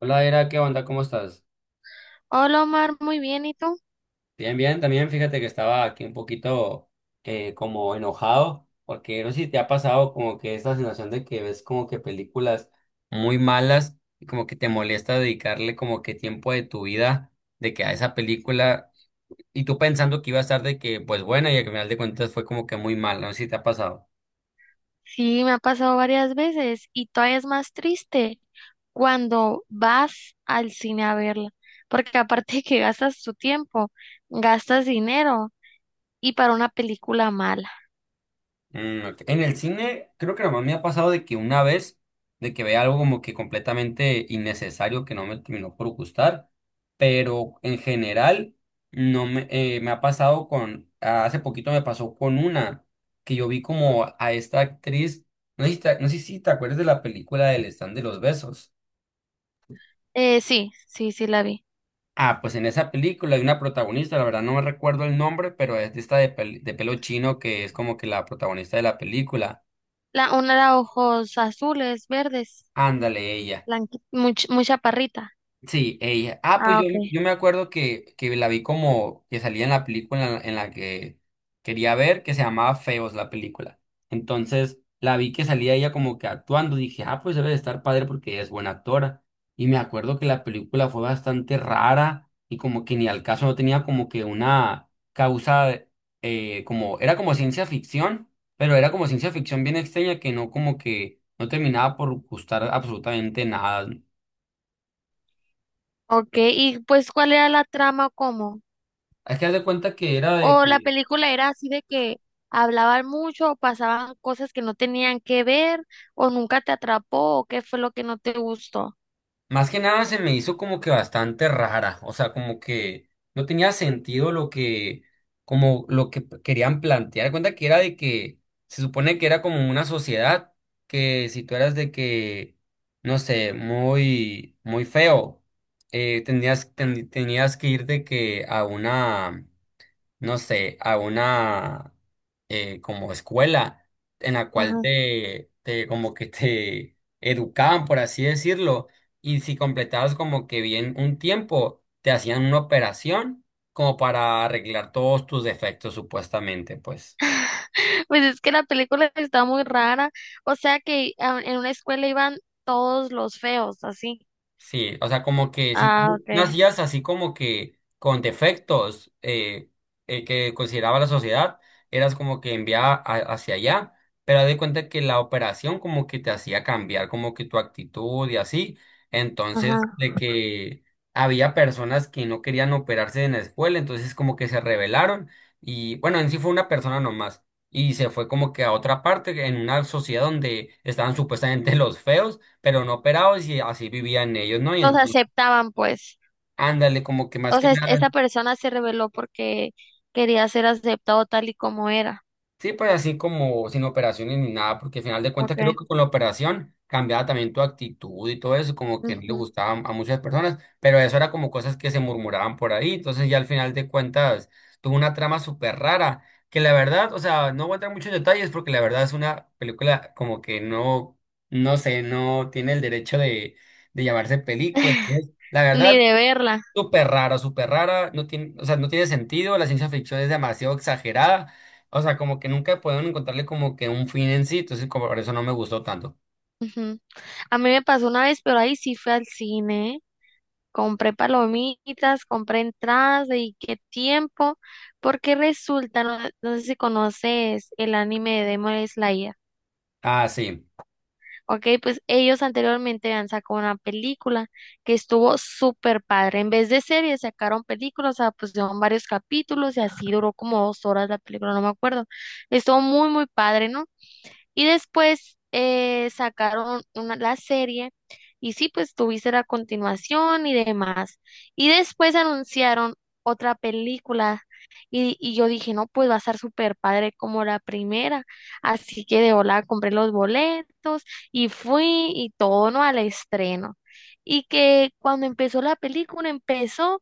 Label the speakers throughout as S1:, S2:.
S1: Hola, Era, ¿qué onda? ¿Cómo estás?
S2: Hola Omar, muy bien, ¿y tú?
S1: Bien, bien, también fíjate que estaba aquí un poquito como enojado, porque no sé si te ha pasado como que esta sensación de que ves como que películas muy malas y como que te molesta dedicarle como que tiempo de tu vida de que a esa película y tú pensando que iba a estar de que pues buena y al final de cuentas fue como que muy mala, no sé si te ha pasado.
S2: Sí, me ha pasado varias veces y todavía es más triste cuando vas al cine a verla, porque aparte de que gastas tu tiempo, gastas dinero y para una película mala.
S1: Ok. En el cine, creo que nomás me ha pasado de que una vez, de que veía algo como que completamente innecesario que no me terminó por gustar, pero en general no me, me ha pasado con, ah, hace poquito me pasó con una que yo vi como a esta actriz, no sé si te acuerdas de la película del Stand de los Besos.
S2: Sí, sí, sí la vi.
S1: Ah, pues en esa película hay una protagonista, la verdad no me recuerdo el nombre, pero es de esta de, de pelo chino que es como que la protagonista de la película.
S2: La, una de ojos azules, verdes,
S1: Ándale ella.
S2: muy, chaparrita.
S1: Sí, ella. Ah,
S2: Ah, ok.
S1: yo me acuerdo que la vi como que salía en la película en la que quería ver, que se llamaba Feos la película. Entonces la vi que salía ella como que actuando. Dije, ah, pues debe de estar padre porque ella es buena actora. Y me acuerdo que la película fue bastante rara y como que ni al caso no tenía como que una causa, era como ciencia ficción, pero era como ciencia ficción bien extraña que no como que no terminaba por gustar absolutamente nada.
S2: Ok, y pues ¿cuál era la trama? ¿O cómo?
S1: Hay que dar de cuenta que era de
S2: O la
S1: que,
S2: película era así de que hablaban mucho, o pasaban cosas que no tenían que ver, o nunca te atrapó, o qué fue lo que no te gustó.
S1: más que nada se me hizo como que bastante rara, o sea, como que no tenía sentido lo que, como lo que querían plantear. De cuenta que era de que se supone que era como una sociedad que si tú eras de que, no sé, muy, muy feo, tenías que ir de que a una no sé, a una como escuela en la cual
S2: Ajá.
S1: te, te como que te educaban, por así decirlo, y si completabas como que bien un tiempo, te hacían una operación como para arreglar todos tus defectos, supuestamente, pues.
S2: Pues es que la película está muy rara. O sea que en una escuela iban todos los feos, así.
S1: Sí, o sea, como que si
S2: Ah,
S1: tú
S2: okay.
S1: nacías así como que con defectos que consideraba la sociedad, eras como que enviada hacia allá, pero de cuenta que la operación como que te hacía cambiar como que tu actitud y así.
S2: Ajá.
S1: Entonces, de que había personas que no querían operarse en la escuela, entonces como que se rebelaron y bueno, en sí fue una persona nomás y se fue como que a otra parte, en una sociedad donde estaban supuestamente los feos pero no operados y así vivían ellos, ¿no? Y
S2: Los
S1: entonces,
S2: aceptaban, pues.
S1: ándale, como que más
S2: O
S1: que
S2: sea,
S1: nada,
S2: esta persona se rebeló porque quería ser aceptado tal y como era.
S1: sí, pues así como sin operaciones ni nada, porque al final de cuentas creo
S2: Okay.
S1: que con la operación cambiaba también tu actitud y todo eso, como que no le
S2: Ujú.
S1: gustaba a muchas personas, pero eso era como cosas que se murmuraban por ahí, entonces ya al final de cuentas tuvo una trama súper rara, que la verdad, o sea, no voy a entrar en muchos detalles porque la verdad es una película como que no, no sé, no tiene el derecho de llamarse película, entonces, la
S2: Ni
S1: verdad...
S2: de verla.
S1: Súper rara, no tiene, o sea, no tiene sentido, la ciencia ficción es demasiado exagerada, o sea, como que nunca pueden encontrarle como que un fin en sí, entonces como por eso no me gustó tanto.
S2: Ujú. A mí me pasó una vez, pero ahí sí fue al cine. Compré palomitas, compré entradas y qué tiempo, porque resulta, no, no sé si conoces el anime de Demon Slayer.
S1: Ah, sí.
S2: Ok, pues ellos anteriormente habían sacado una película que estuvo súper padre. En vez de series, sacaron películas, o sea, pues pusieron varios capítulos y así duró como 2 horas la película, no me acuerdo. Estuvo muy, muy padre, ¿no? Y después sacaron una, la serie y sí, pues tuviste la continuación y demás. Y después anunciaron otra película y yo dije, no, pues va a estar súper padre como la primera. Así que de hola compré los boletos y fui y todo, ¿no? Al estreno. Y que cuando empezó la película, empezó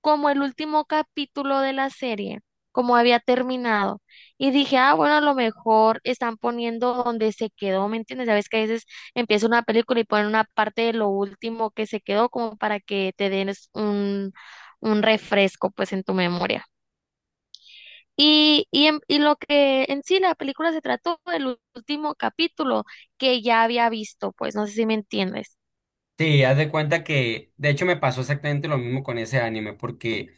S2: como el último capítulo de la serie, como había terminado. Y dije, ah, bueno, a lo mejor están poniendo donde se quedó, ¿me entiendes? Sabes que a veces empieza una película y ponen una parte de lo último que se quedó como para que te den un refresco pues en tu memoria. Y lo que en sí la película se trató del último capítulo que ya había visto, pues no sé si me entiendes.
S1: Sí, haz de cuenta que, de hecho me pasó exactamente lo mismo con ese anime, porque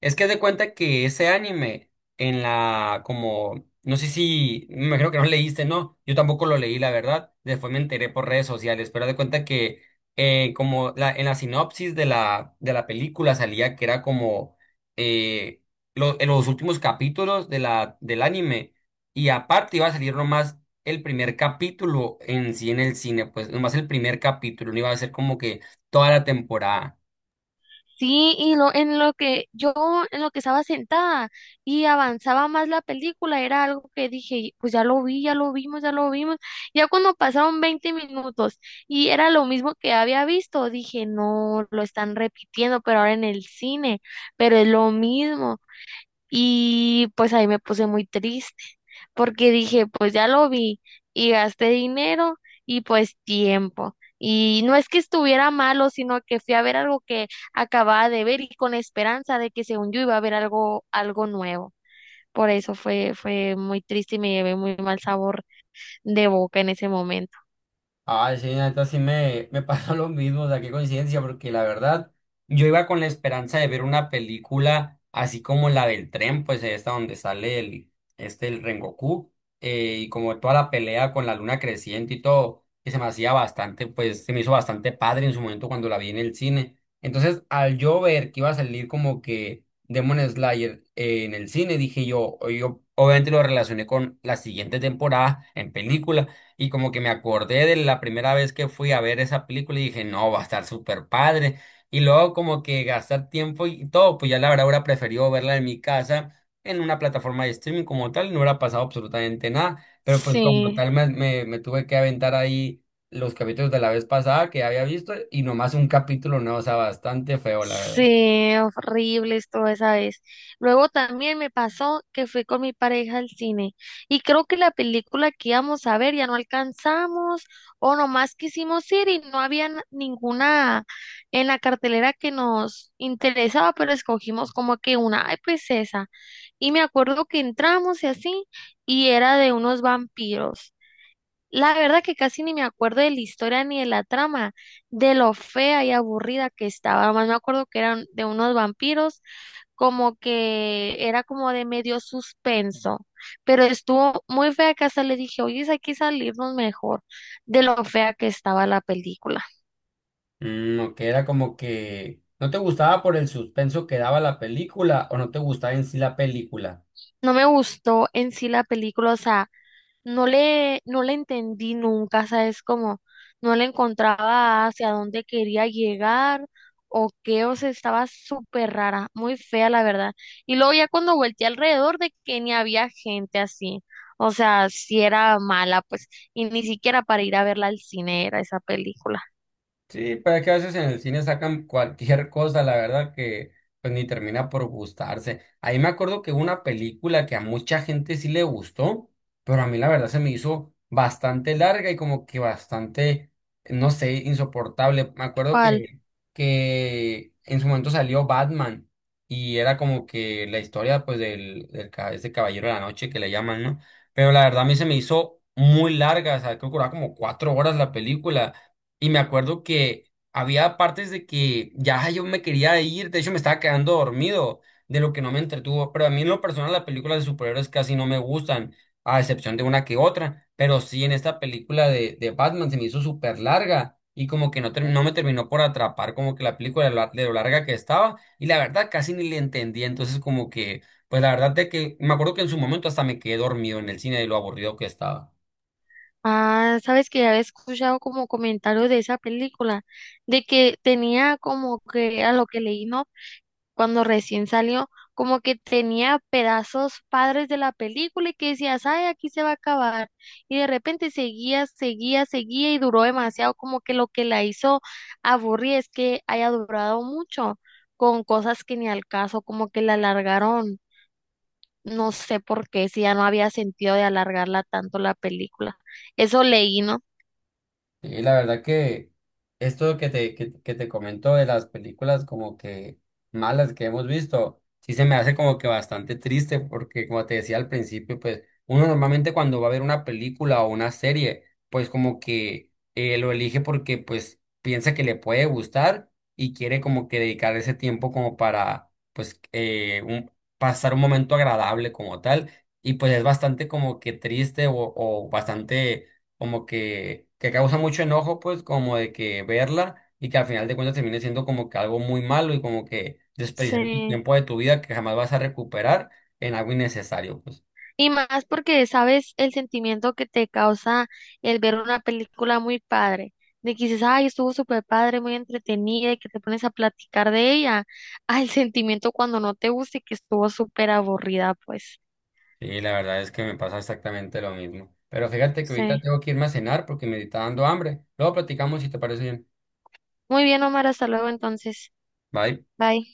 S1: es que haz de cuenta que ese anime en la, como, no sé si, me creo que no leíste, ¿no? Yo tampoco lo leí, la verdad, después me enteré por redes sociales, pero haz de cuenta que en la sinopsis de la película salía que era como eh, en los últimos capítulos de la, del anime, y aparte iba a salir nomás el primer capítulo en sí en el cine, pues nomás el primer capítulo, no iba a ser como que toda la temporada.
S2: Sí, y lo, en lo que yo, en lo que estaba sentada y avanzaba más la película, era algo que dije, pues ya lo vi, ya lo vimos, ya lo vimos. Ya cuando pasaron 20 minutos y era lo mismo que había visto, dije, no, lo están repitiendo, pero ahora en el cine, pero es lo mismo. Y pues ahí me puse muy triste porque dije, pues ya lo vi y gasté dinero y pues tiempo. Y no es que estuviera malo, sino que fui a ver algo que acababa de ver y con esperanza de que según yo iba a ver algo, algo nuevo. Por eso fue muy triste y me llevé muy mal sabor de boca en ese momento.
S1: Ay, sí, neta, sí me pasó lo mismo, o sea, qué coincidencia, porque la verdad, yo iba con la esperanza de ver una película así como la del tren, pues esta donde sale el, este, el Rengoku, y como toda la pelea con la luna creciente y todo, que se me hacía bastante, pues se me hizo bastante padre en su momento cuando la vi en el cine. Entonces, al yo ver que iba a salir como que Demon Slayer en el cine, dije yo, o yo obviamente lo relacioné con la siguiente temporada en película. Y como que me acordé de la primera vez que fui a ver esa película y dije, no, va a estar súper padre. Y luego como que gastar tiempo y todo, pues ya la verdad hubiera preferido verla en mi casa, en una plataforma de streaming como tal, y no hubiera pasado absolutamente nada. Pero pues como
S2: Sí.
S1: tal me, me, tuve que aventar ahí los capítulos de la vez pasada que había visto y nomás un capítulo nuevo, o sea, bastante feo, la verdad.
S2: Sí, horribles toda esa vez. Luego también me pasó que fui con mi pareja al cine y creo que la película que íbamos a ver ya no alcanzamos o nomás quisimos ir y no había ninguna en la cartelera que nos interesaba, pero escogimos como que una, ay, pues esa. Y me acuerdo que entramos y así y era de unos vampiros. La verdad que casi ni me acuerdo de la historia ni de la trama, de lo fea y aburrida que estaba. Más me acuerdo que eran de unos vampiros, como que era como de medio suspenso, pero estuvo muy fea que hasta le dije, oye, hay que salirnos mejor de lo fea que estaba la película.
S1: Mm, que era como que no te gustaba por el suspenso que daba la película o no te gustaba en sí la película.
S2: No me gustó en sí la película, o sea, no le entendí nunca, ¿sabes? Como no le encontraba hacia dónde quería llegar o qué, o sea, estaba súper rara, muy fea, la verdad. Y luego ya cuando volteé alrededor de que ni había gente así, o sea, si era mala, pues, y ni siquiera para ir a verla al cine era esa película.
S1: Sí, pero es que a veces en el cine sacan cualquier cosa, la verdad que pues ni termina por gustarse. Ahí me acuerdo que hubo una película que a mucha gente sí le gustó, pero a mí la verdad se me hizo bastante larga y como que bastante, no sé, insoportable.
S2: ¿Cuál?
S1: Que en su momento salió Batman y era como que la historia pues del, ese Caballero de la Noche que le llaman, ¿no? Pero la verdad a mí se me hizo muy larga, o sea, creo que duraba como cuatro horas la película. Y me acuerdo que había partes de que ya yo me quería ir, de hecho me estaba quedando dormido de lo que no me entretuvo, pero a mí en lo personal las películas de superhéroes casi no me gustan, a excepción de una que otra, pero sí en esta película de Batman se me hizo súper larga y como que no, no me terminó por atrapar como que la película de lo larga que estaba y la verdad casi ni le entendí, entonces como que, pues la verdad de que me acuerdo que en su momento hasta me quedé dormido en el cine de lo aburrido que estaba.
S2: Ah, sabes que ya había escuchado como comentarios de esa película, de que tenía como que a lo que leí, ¿no? Cuando recién salió, como que tenía pedazos padres de la película y que decías, ay, aquí se va a acabar. Y de repente seguía, seguía, seguía y duró demasiado, como que lo que la hizo aburrir es que haya durado mucho con cosas que ni al caso, como que la alargaron. No sé por qué, si ya no había sentido de alargarla tanto la película. Eso leí, ¿no?
S1: Y la verdad que esto que te, que te comento de las películas como que malas que hemos visto, sí se me hace como que bastante triste porque como te decía al principio, pues uno normalmente cuando va a ver una película o una serie, pues como que lo elige porque pues piensa que le puede gustar y quiere como que dedicar ese tiempo como para pues pasar un momento agradable como tal. Y pues es bastante como que triste o bastante como que causa mucho enojo, pues, como de que verla y que al final de cuentas termine siendo como que algo muy malo y como que desperdiciar tu
S2: Sí.
S1: tiempo de tu vida que jamás vas a recuperar en algo innecesario, pues.
S2: Y más porque sabes el sentimiento que te causa el ver una película muy padre, de que dices, ay, estuvo súper padre, muy entretenida, y que te pones a platicar de ella, al sentimiento cuando no te gusta y que estuvo súper aburrida, pues.
S1: Sí, la verdad es que me pasa exactamente lo mismo. Pero fíjate que ahorita
S2: Sí.
S1: tengo que irme a cenar porque me está dando hambre. Luego platicamos si te parece bien.
S2: Muy bien, Omar, hasta luego entonces.
S1: Bye.
S2: Bye.